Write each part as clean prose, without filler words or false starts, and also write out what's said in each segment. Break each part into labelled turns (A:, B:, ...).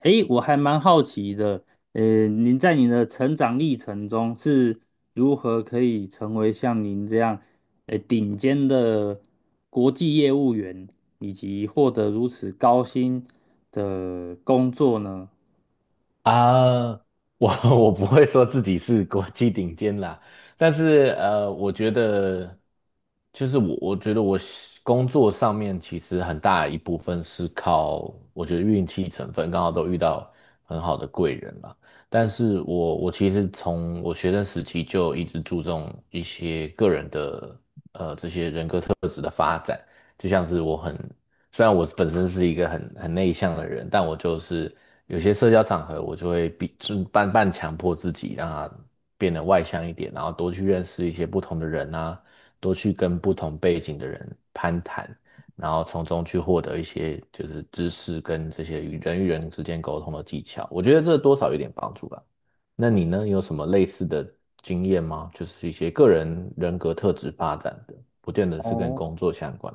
A: 诶，我还蛮好奇的，您在您的成长历程中是如何可以成为像您这样，顶尖的国际业务员，以及获得如此高薪的工作呢？
B: 啊，我 我不会说自己是国际顶尖啦，但是我觉得就是我觉得我是工作上面其实很大一部分是靠我觉得运气成分，刚好都遇到很好的贵人啦。但是我其实从我学生时期就一直注重一些个人的这些人格特质的发展，就像是虽然我本身是一个很内向的人，但我就是。有些社交场合，我就会逼，就半半强迫自己，让他变得外向一点，然后多去认识一些不同的人啊，多去跟不同背景的人攀谈，然后从中去获得一些就是知识跟这些与人之间沟通的技巧。我觉得这多少有点帮助吧。那你呢，有什么类似的经验吗？就是一些个人人格特质发展的，不见得是跟
A: 哦。
B: 工作相关。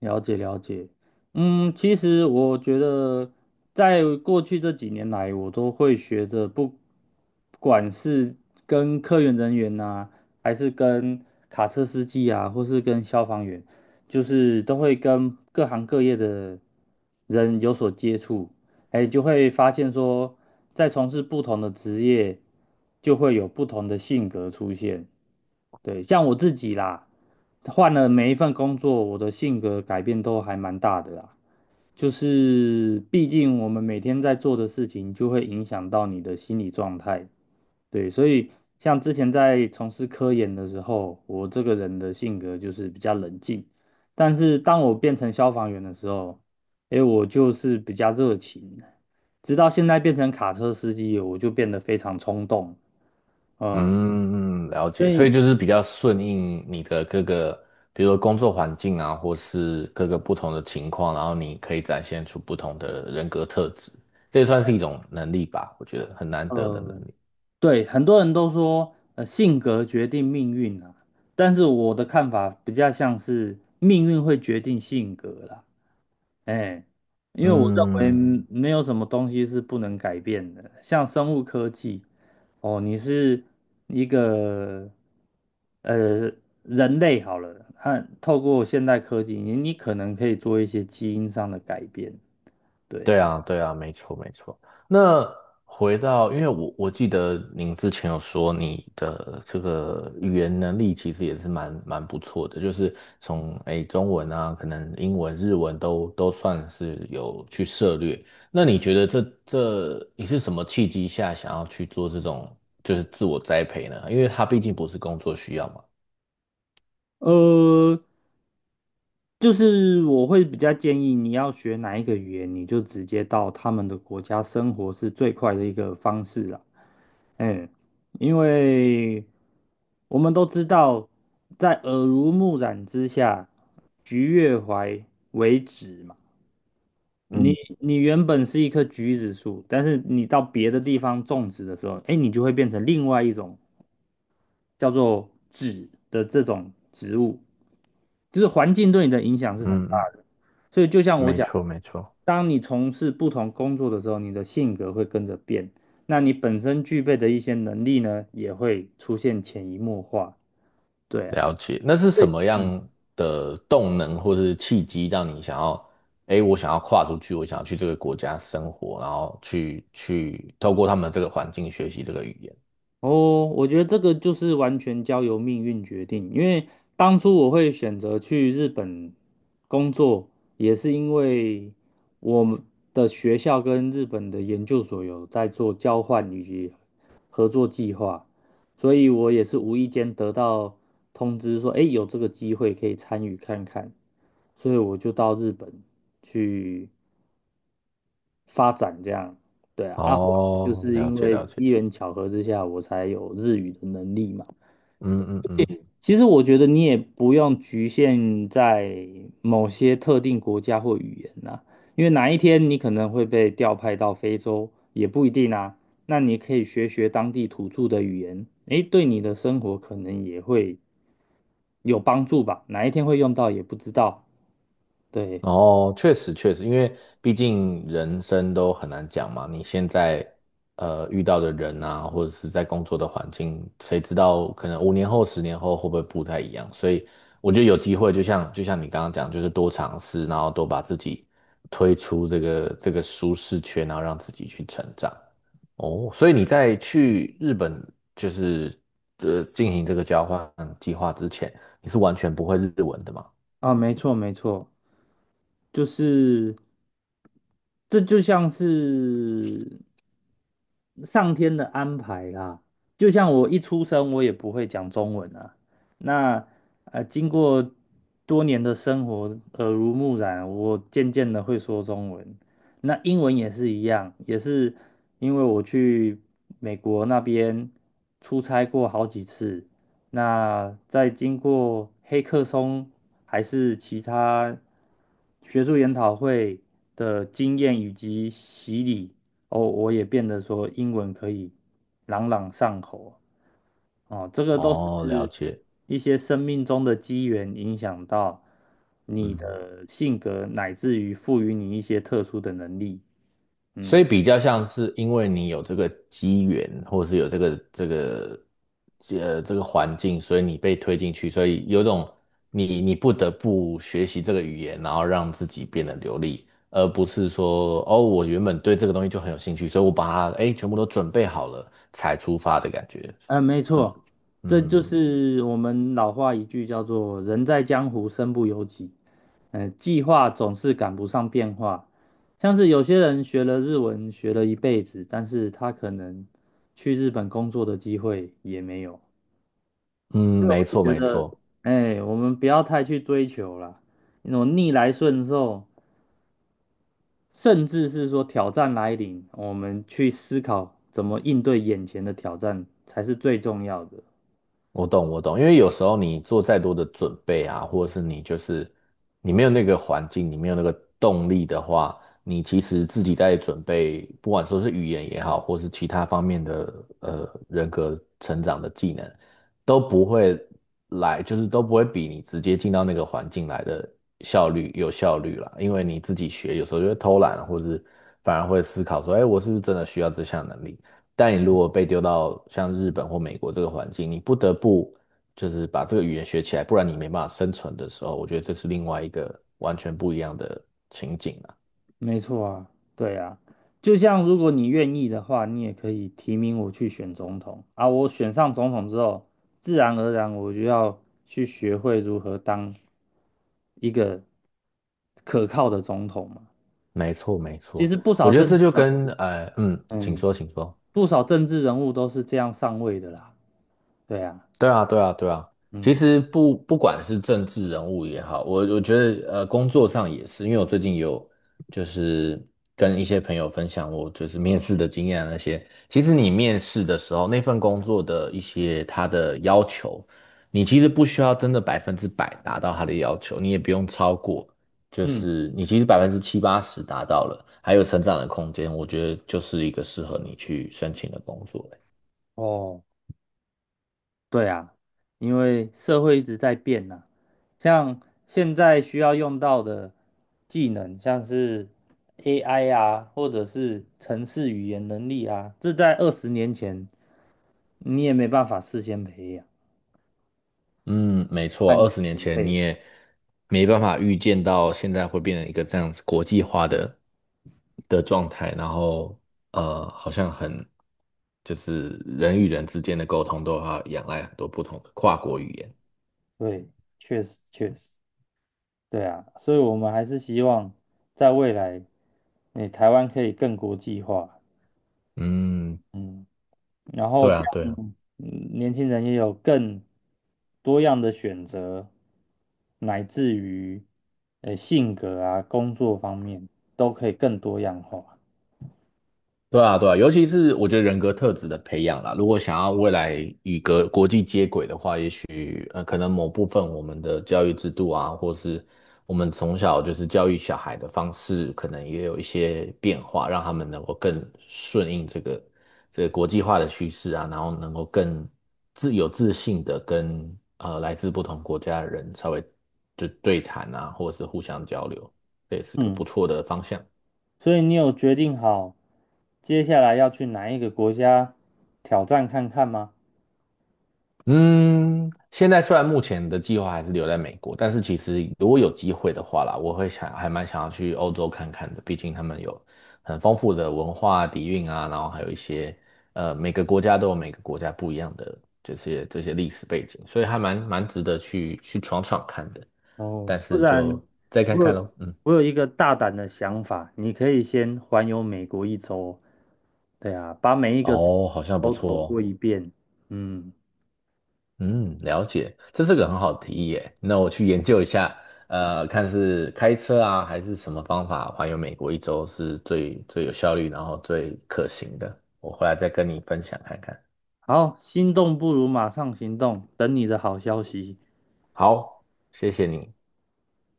A: 了解了解，其实我觉得在过去这几年来，我都会学着不管是跟科研人员呐、还是跟卡车司机啊，或是跟消防员，就是都会跟各行各业的人有所接触，哎，就会发现说，在从事不同的职业，就会有不同的性格出现。对，像我自己啦，换了每一份工作，我的性格改变都还蛮大的啦。就是毕竟我们每天在做的事情，就会影响到你的心理状态。对，所以像之前在从事科研的时候，我这个人的性格就是比较冷静，但是当我变成消防员的时候，诶，我就是比较热情，直到现在变成卡车司机，我就变得非常冲动。嗯，
B: 嗯，了
A: 所
B: 解，所
A: 以
B: 以就是比较顺应你的各个，比如说工作环境啊，或是各个不同的情况，然后你可以展现出不同的人格特质，这也算是一种能力吧，我觉得很难得的能
A: 呃。
B: 力。
A: 对，很多人都说，性格决定命运啊，但是我的看法比较像是命运会决定性格啦，哎，因为我认为
B: 嗯，
A: 没有什么东西是不能改变的，像生物科技，哦，你是一个呃人类好了，看透过现代科技，你可能可以做一些基因上的改变，对，
B: 对啊，对啊，没错，没错。那回到，因为我记得您之前有说你的这个语言能力其实也是蛮不错的，就是从中文啊，可能英文、日文都算是有去涉略。那你觉得这你是什么契机下想要去做这种就是自我栽培呢？因为它毕竟不是工作需要嘛。
A: 呃。就是我会比较建议你要学哪一个语言，你就直接到他们的国家生活是最快的一个方式啦。嗯，因为我们都知道，在耳濡目染之下，橘越淮为枳嘛。你
B: 嗯
A: 你原本是一棵橘子树，但是你到别的地方种植的时候，哎，你就会变成另外一种叫做枳的这种植物。就是环境对你的影响是很
B: 嗯
A: 大
B: 嗯，
A: 的。所以就像我
B: 没
A: 讲，
B: 错没错。
A: 当你从事不同工作的时候，你的性格会跟着变，那你本身具备的一些能力呢，也会出现潜移默化。对啊，
B: 了解，那是什
A: 对，
B: 么
A: 嗯
B: 样的动能或是契机让你想要，哎，我想要跨出去，我想要去这个国家生活，然后去透过他们这个环境学习这个语言。
A: 哦，我觉得这个就是完全交由命运决定，因为当初我会选择去日本工作，也是因为我们的学校跟日本的研究所有在做交换以及合作计划，所以我也是无意间得到通知说，哎，有这个机会可以参与看看，所以我就到日本去发展这样，对啊，啊，后来就
B: 哦，
A: 是
B: 了
A: 因
B: 解
A: 为
B: 了解，
A: 机缘巧合之下，我才有日语的能力嘛。
B: 嗯嗯嗯。
A: 其实我觉得你也不用局限在某些特定国家或语言呐、因为哪一天你可能会被调派到非洲，也不一定啊。那你可以学学当地土著的语言，诶，对你的生活可能也会有帮助吧。哪一天会用到也不知道。对，
B: 哦，确实确实，因为毕竟人生都很难讲嘛。你现在遇到的人啊，或者是在工作的环境，谁知道可能5年后、10年后会不会不太一样？所以我觉得有机会，就像你刚刚讲，就是多尝试，然后多把自己推出这个舒适圈，然后让自己去成长。哦，所以你在去日本就是进行这个交换计划之前，你是完全不会日文的嘛？
A: 啊，没错没错。就是这就像是上天的安排啦。就像我一出生，我也不会讲中文啊。那经过多年的生活耳濡目染，我渐渐的会说中文。那英文也是一样，也是因为我去美国那边出差过好几次，那在经过黑客松还是其他学术研讨会的经验以及洗礼，哦，我也变得说英文可以朗朗上口哦，这个都
B: 哦，了
A: 是
B: 解。
A: 一些生命中的机缘影响到你
B: 嗯，
A: 的性格，乃至于赋予你一些特殊的能力。
B: 所
A: 嗯
B: 以比较像是因为你有这个机缘，或者是有这个环境，所以你被推进去，所以有种你不得不学习这个语言，然后让自己变得流利，而不是说哦，我原本对这个东西就很有兴趣，所以我把它哎全部都准备好了才出发的感觉，
A: 嗯，没
B: 是吗？
A: 错，这就
B: 嗯
A: 是我们老话一句叫做"人在江湖身不由己"。计划总是赶不上变化，像是有些人学了日文学了一辈子，但是他可能去日本工作的机会也没有。
B: 嗯，没
A: 我是
B: 错
A: 觉
B: 没
A: 得，
B: 错。
A: 哎，我们不要太去追求了，那种逆来顺受，甚至是说挑战来临，我们去思考怎么应对眼前的挑战才是最重要的。
B: 我懂，我懂，因为有时候你做再多的准备啊，或者是你就是你没有那个环境，你没有那个动力的话，你其实自己在准备，不管说是语言也好，或是其他方面的人格成长的技能，都不会来，就是都不会比你直接进到那个环境来的有效率啦。因为你自己学，有时候就会偷懒，或是反而会思考说，哎，我是不是真的需要这项能力？但你如果被丢到像日本或美国这个环境，你不得不就是把这个语言学起来，不然你没办法生存的时候，我觉得这是另外一个完全不一样的情景啊。
A: 没错啊，对啊，就像如果你愿意的话，你也可以提名我去选总统啊。我选上总统之后，自然而然我就要去学会如何当一个可靠的总统嘛。
B: 没错，没
A: 其
B: 错，
A: 实不
B: 我
A: 少
B: 觉得
A: 政
B: 这
A: 治
B: 就
A: 人物，
B: 跟嗯，请
A: 嗯，
B: 说，请说。
A: 不少政治人物都是这样上位的啦。对啊，
B: 对啊，对啊，对啊。其
A: 嗯
B: 实不管是政治人物也好，我觉得工作上也是，因为我最近有就是跟一些朋友分享我就是面试的经验啊那些。其实你面试的时候，那份工作的一些他的要求，你其实不需要真的100%达到他的要求，你也不用超过，就
A: 嗯，
B: 是你其实70%~80%达到了，还有成长的空间，我觉得就是一个适合你去申请的工作欸。
A: 哦。对啊，因为社会一直在变呐、像现在需要用到的技能，像是 AI 啊，或者是城市语言能力啊，这在20年前你也没办法事先培养
B: 嗯，没错，
A: 和
B: 二十年
A: 准
B: 前你
A: 备。
B: 也没办法预见到现在会变成一个这样子国际化的状态，然后好像很就是人与人之间的沟通都要仰赖很多不同的跨国语言。
A: 对，确实确实，对啊，所以我们还是希望在未来，你台湾可以更国际化。
B: 嗯，
A: 嗯。然后
B: 对
A: 这
B: 啊，对
A: 样，
B: 啊。
A: 年轻人也有更多样的选择，乃至于性格啊、工作方面都可以更多样化。
B: 对啊，对啊，尤其是我觉得人格特质的培养啦，如果想要未来与国际接轨的话，也许可能某部分我们的教育制度啊，或是我们从小就是教育小孩的方式，可能也有一些变化，让他们能够更顺应这个国际化的趋势啊，然后能够更自信的跟来自不同国家的人稍微就对谈啊，或者是互相交流，这也是个不
A: 嗯，
B: 错的方向。
A: 所以你有决定好接下来要去哪一个国家挑战看看吗？
B: 嗯，现在虽然目前的计划还是留在美国，但是其实如果有机会的话啦，我会想还蛮想要去欧洲看看的，毕竟他们有很丰富的文化底蕴啊，然后还有一些每个国家都有每个国家不一样的这些历史背景，所以还蛮值得去闯闯看的。
A: 哦，
B: 但
A: 不
B: 是
A: 然
B: 就再看
A: 我
B: 看咯，
A: 有
B: 嗯，
A: 我有一个大胆的想法，你可以先环游美国一周。对啊，把每一个州，
B: 哦，好像不错哦。
A: 嗯，
B: 嗯，了解，这是个很好的提议耶。那我去研究一下，看是开车啊，还是什么方法环游美国一周是最有效率，然后最可行的。我回来再跟你分享看看。
A: 好，心动不如马上行动，等你的好消息。
B: 好，谢谢你。